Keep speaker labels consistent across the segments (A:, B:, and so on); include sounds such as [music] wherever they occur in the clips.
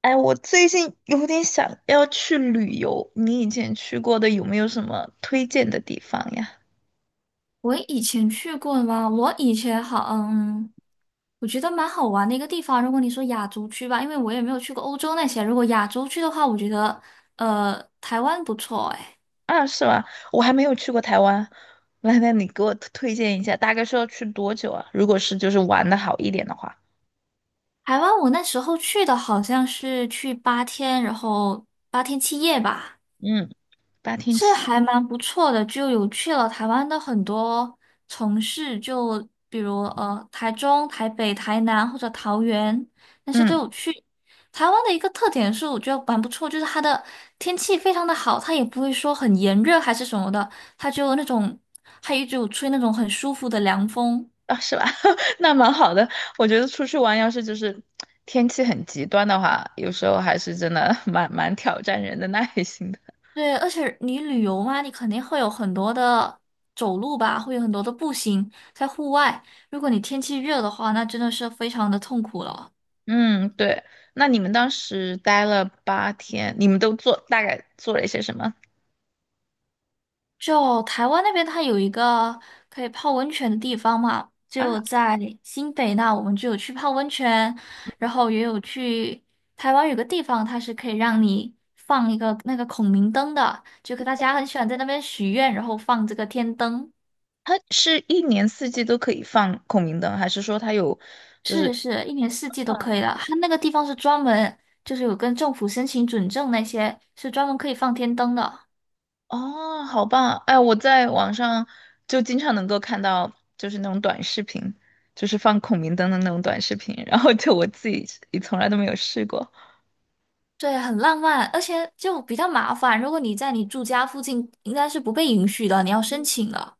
A: 哎，我最近有点想要去旅游，你以前去过的有没有什么推荐的地方呀？
B: 我以前去过吗？我以前好，我觉得蛮好玩的一个地方。如果你说亚洲区吧，因为我也没有去过欧洲那些。如果亚洲区的话，我觉得台湾不错哎。
A: 啊，是吧？我还没有去过台湾，来，来，你给我推荐一下，大概是要去多久啊？如果是就是玩的好一点的话，
B: 台湾我那时候去的好像是去八天，然后8天7夜吧。
A: 嗯，八天
B: 是
A: 七，
B: 还蛮不错的，就有去了台湾的很多城市，就比如台中、台北、台南或者桃园，那些都
A: 嗯，
B: 有去。台湾的一个特点是，我觉得蛮不错，就是它的天气非常的好，它也不会说很炎热还是什么的，它就那种，它一直有吹那种很舒服的凉风。
A: 啊，是吧？[laughs] 那蛮好的，我觉得出去玩要是就是天气很极端的话，有时候还是真的 [laughs] 蛮挑战人的耐心的。
B: 对，而且你旅游嘛，你肯定会有很多的走路吧，会有很多的步行在户外。如果你天气热的话，那真的是非常的痛苦了。
A: 嗯，对。那你们当时待了八天，你们都做大概做了一些什么
B: 就台湾那边，它有一个可以泡温泉的地方嘛，
A: 啊？
B: 就在新北那，我们就有去泡温泉，然后也有去台湾有个地方，它是可以让你放一个那个孔明灯的，就可大家很喜欢在那边许愿，然后放这个天灯，
A: 它是一年四季都可以放孔明灯，还是说它有？
B: 是是，一年四季都
A: 嗯
B: 可以的。它那个地方是专门就是有跟政府申请准证那些，是专门可以放天灯的。
A: 哦，好棒！哎，我在网上就经常能够看到，就是那种短视频，就是放孔明灯的那种短视频，然后就我自己也从来都没有试过。
B: 对，很浪漫，而且就比较麻烦。如果你在你住家附近，应该是不被允许的，你要申请了。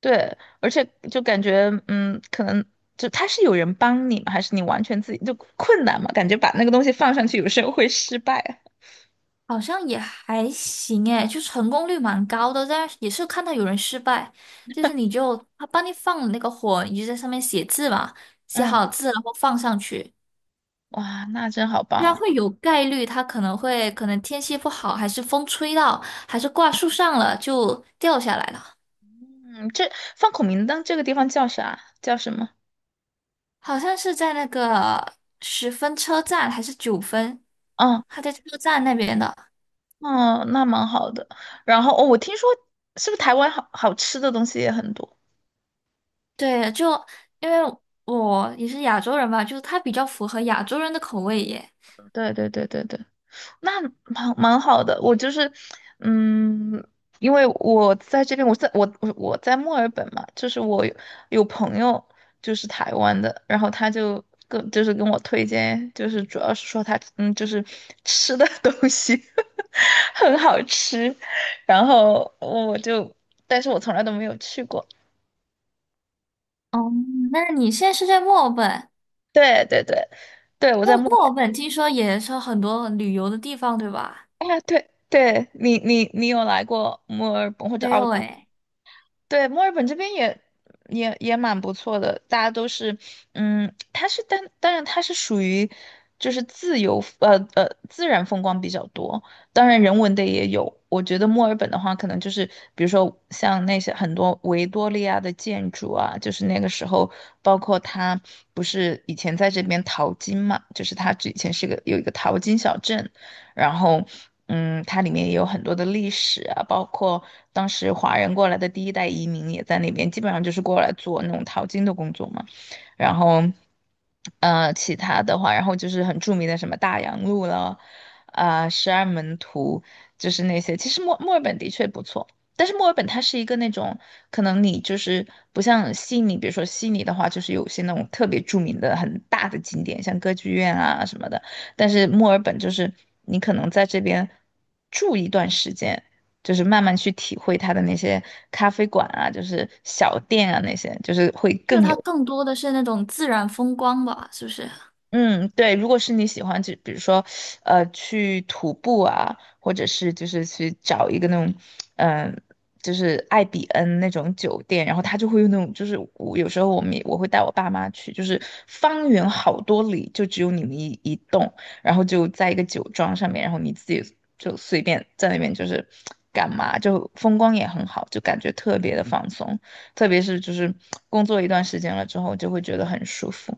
A: 对，而且就感觉，嗯，可能就他是有人帮你吗？还是你完全自己就困难嘛？感觉把那个东西放上去，有时候会失败。
B: 好像也还行诶，就成功率蛮高的，但是也是看到有人失败，就是你就他帮你放了那个火，你就在上面写字嘛，写
A: 嗯，
B: 好字然后放上去。
A: 哇，那真好
B: 虽然
A: 棒。
B: 会有概率，它可能天气不好，还是风吹到，还是挂树上了就掉下来了。
A: 嗯，这放孔明灯这个地方叫啥？叫什么？
B: 好像是在那个十分车站还是九分，
A: 嗯
B: 他在车站那边的。
A: 嗯，那蛮好的。然后哦，我听说是不是台湾好好吃的东西也很多？
B: 对，就因为我也是亚洲人嘛，就是他比较符合亚洲人的口味耶。
A: 对对对对对。那蛮好的，我就是，嗯，因为我在这边，我在墨尔本嘛，就是我有朋友就是台湾的，然后他就是跟我推荐，就是主要是说他就是吃的 [laughs] 东西 [laughs] 很好吃，然后我就，但是我从来都没有去过，
B: 哦，那你现在是在墨尔本？
A: 对对对，对我
B: 那
A: 在墨尔
B: 墨尔本听说也是很多旅游的地方，对吧？
A: 本，啊对对，你有来过墨尔本或者
B: 没
A: 澳
B: 有
A: 洲？
B: 诶，
A: 对，墨尔本这边也蛮不错的，大家都是，它是当然它是属于就是自然风光比较多，当然人文的也有。我觉得墨尔本的话，可能就是比如说像那些很多维多利亚的建筑啊，就是那个时候，包括它不是以前在这边淘金嘛，就是它之前是个有一个淘金小镇，然后，它里面也有很多的历史啊，包括当时华人过来的第一代移民也在那边，基本上就是过来做那种淘金的工作嘛。然后，其他的话，然后就是很著名的什么大洋路了，啊、十二门徒，就是那些。其实墨尔本的确不错。但是墨尔本它是一个那种，可能你就是不像悉尼，比如说悉尼的话，就是有些那种特别著名的很大的景点，像歌剧院啊什么的。但是墨尔本就是你可能在这边住一段时间，就是慢慢去体会它的那些咖啡馆啊，就是小店啊那些，就是会
B: 就
A: 更
B: 它
A: 有
B: 更多的是那种自然风光吧，是不是？
A: 嗯，对，如果是你喜欢，就比如说，去徒步啊，或者是就是去找一个那种，嗯、就是艾比恩那种酒店，然后他就会用那种，就是我有时候我们也我会带我爸妈去，就是方圆好多里就只有你们一栋，然后就在一个酒庄上面，然后你自己就随便在那边就是干嘛，就风光也很好，就感觉特别的放松，特别是就是工作一段时间了之后，就会觉得很舒服。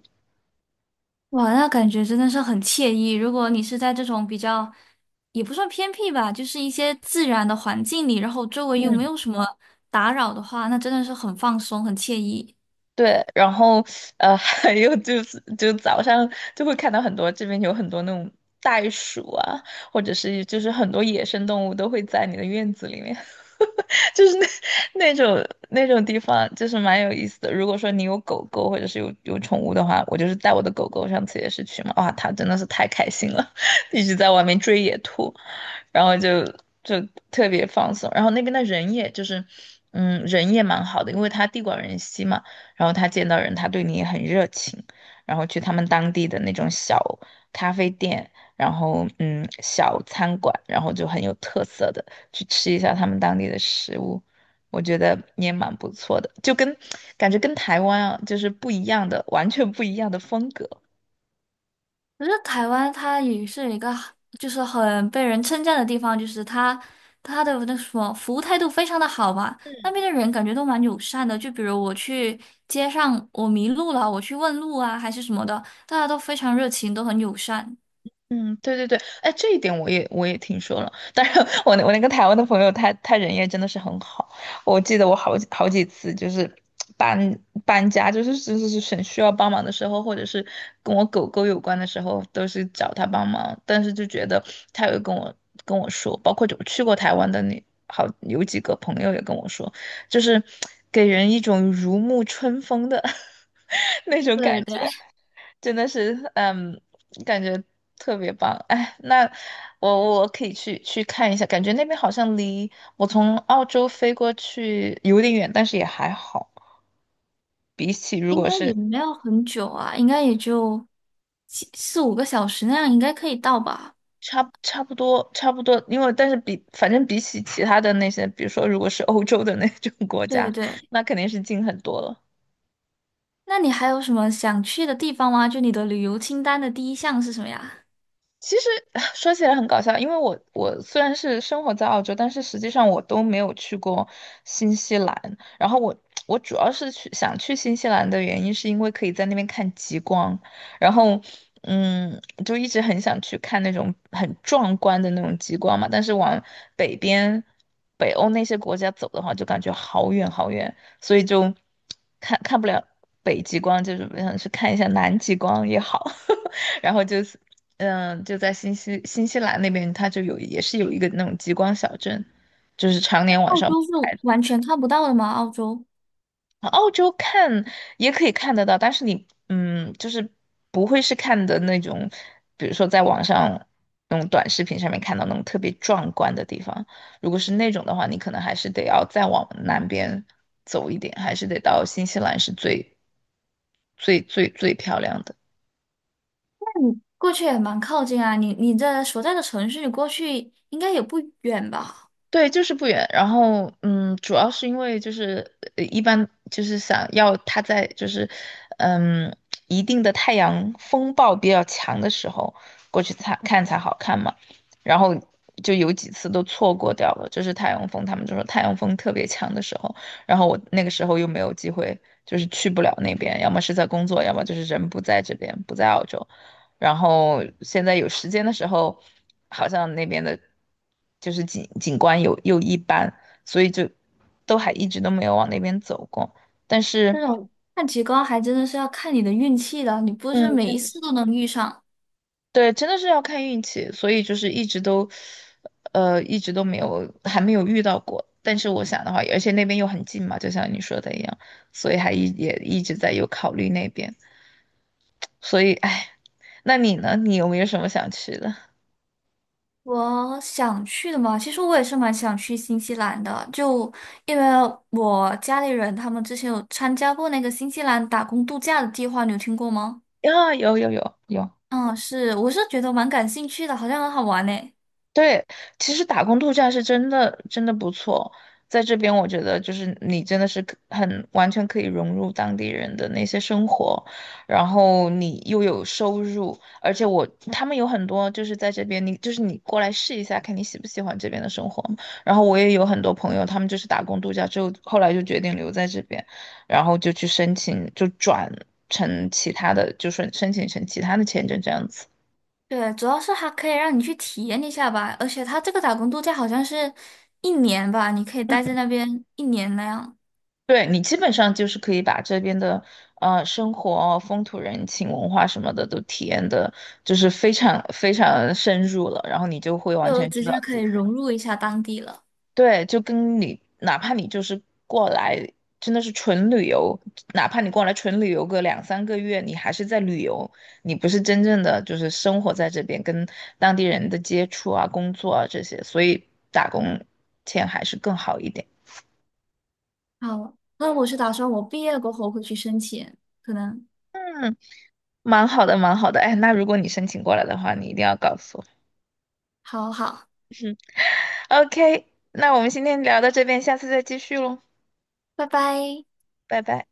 B: 哇，那感觉真的是很惬意。如果你是在这种比较，也不算偏僻吧，就是一些自然的环境里，然后周围又没
A: 嗯。
B: 有什么打扰的话，那真的是很放松，很惬意。
A: 对，然后[laughs] 还有就是就早上就会看到很多这边有很多那种袋鼠啊，或者是就是很多野生动物都会在你的院子里面。就是那那种地方，就是蛮有意思的。如果说你有狗狗或者是有宠物的话，我就是带我的狗狗，上次也是去嘛，哇，它真的是太开心了，[laughs] 一直在外面追野兔，然后就特别放松。然后那边的人也就是，人也蛮好的，因为他地广人稀嘛，然后他见到人他对你也很热情，然后去他们当地的那种小咖啡店。然后小餐馆，然后就很有特色的。去吃一下他们当地的食物，我觉得也蛮不错的，就跟感觉跟台湾啊，就是不一样的，完全不一样的风格。
B: 可是台湾它也是一个，就是很被人称赞的地方，就是它的那什么服务态度非常的好吧，那边的人感觉都蛮友善的。就比如我去街上我迷路了，我去问路啊，还是什么的，大家都非常热情，都很友善。
A: 嗯，对对对，哎，这一点我也听说了。但是 [laughs] 我那个台湾的朋友他，他人也真的是很好。我记得我好几次就是搬搬家，就是很需要帮忙的时候，或者是跟我狗狗有关的时候，都是找他帮忙。但是就觉得他有跟我说，包括我去过台湾的那好有几个朋友也跟我说，就是给人一种如沐春风的 [laughs] 那种感
B: 对
A: 觉。
B: 对，
A: 真的是，感觉特别棒。哎，那我可以去看一下，感觉那边好像离我从澳洲飞过去有点远，但是也还好。比起如
B: 应
A: 果
B: 该也
A: 是
B: 没有很久啊，应该也就四5个小时那样，应该可以到吧？
A: 差不多，因为但是比反正比起其他的那些，比如说如果是欧洲的那种国
B: 对
A: 家，
B: 对，
A: 那肯定是近很多了。
B: 那你还有什么想去的地方吗？就你的旅游清单的第一项是什么呀？
A: 其实 [laughs] [sighs] 说起来很搞笑，因为我虽然是生活在澳洲，但是实际上我都没有去过新西兰。然后我主要是想去新西兰的原因，是因为可以在那边看极光，然后就一直很想去看那种很壮观的那种极光嘛。但是往北边北欧那些国家走的话，就感觉好远好远，所以就看不了北极光，就是想去看一下南极光也好。[laughs] 然后就是，就在新西兰那边，它就有也是有一个那种极光小镇，就是常年晚
B: 澳
A: 上不
B: 洲是
A: 开的。
B: 完全看不到的吗？澳洲
A: 澳洲看也可以看得到，但是你就是不会是看的那种，比如说在网上那种短视频上面看到那种特别壮观的地方。如果是那种的话，你可能还是得要再往南边走一点，还是得到新西兰是最漂亮的。
B: 过去也蛮靠近啊，你这所在的城市，你过去应该也不远吧？
A: 对，就是不远。然后，主要是因为就是一般就是想要他在就是，嗯，一定的太阳风暴比较强的时候过去才看才好看嘛。然后就有几次都错过掉了，就是太阳风，他们就说太阳风特别强的时候，然后我那个时候又没有机会，就是去不了那边，要么是在工作，要么就是人不在这边，不在澳洲，然后现在有时间的时候，好像那边的，就是景观有又一般，所以就都还一直都没有往那边走过。但是，
B: 这种看极光还真的是要看你的运气的，你不是
A: 嗯，
B: 每
A: 真
B: 一
A: 的
B: 次
A: 是，
B: 都能遇上。
A: 对，真的是要看运气，所以就是一直都，一直都没有还没有遇到过。但是我想的话，而且那边又很近嘛，就像你说的一样，所以也一直在有考虑那边。所以，哎，那你呢？你有没有什么想去的？
B: 我想去的嘛，其实我也是蛮想去新西兰的，就因为我家里人他们之前有参加过那个新西兰打工度假的计划，你有听过吗？
A: 啊，有有有有。
B: 嗯，是，我是觉得蛮感兴趣的，好像很好玩呢。
A: 对，其实打工度假是真的真的不错，在这边我觉得就是你真的是很完全可以融入当地人的那些生活，然后你又有收入，而且我他们有很多就是在这边，你就是你过来试一下，看你喜不喜欢这边的生活。然后我也有很多朋友，他们就是打工度假之后，后来就决定留在这边，然后就去申请，就转成其他的，就是申请成其他的签证这样子。
B: 对，主要是它可以让你去体验一下吧，而且它这个打工度假好像是一年吧，你可以待在那边一年那样，
A: 对你基本上就是可以把这边的生活啊、风土人情、文化什么的都体验的，就是非常非常深入了，然后你就会完
B: 就
A: 全
B: 直
A: 知道
B: 接
A: 自
B: 可
A: 己。
B: 以融入一下当地了。
A: 对，就跟你哪怕你就是过来真的是纯旅游，哪怕你过来纯旅游个两三个月，你还是在旅游，你不是真正的就是生活在这边，跟当地人的接触啊、工作啊这些，所以打工钱还是更好一点。
B: 好，那我是打算我毕业过后会去申请，可能。
A: 蛮好的，蛮好的。哎，那如果你申请过来的话，你一定要告诉我。
B: 好好，
A: OK，那我们今天聊到这边，下次再继续喽，
B: 拜拜。
A: 拜拜。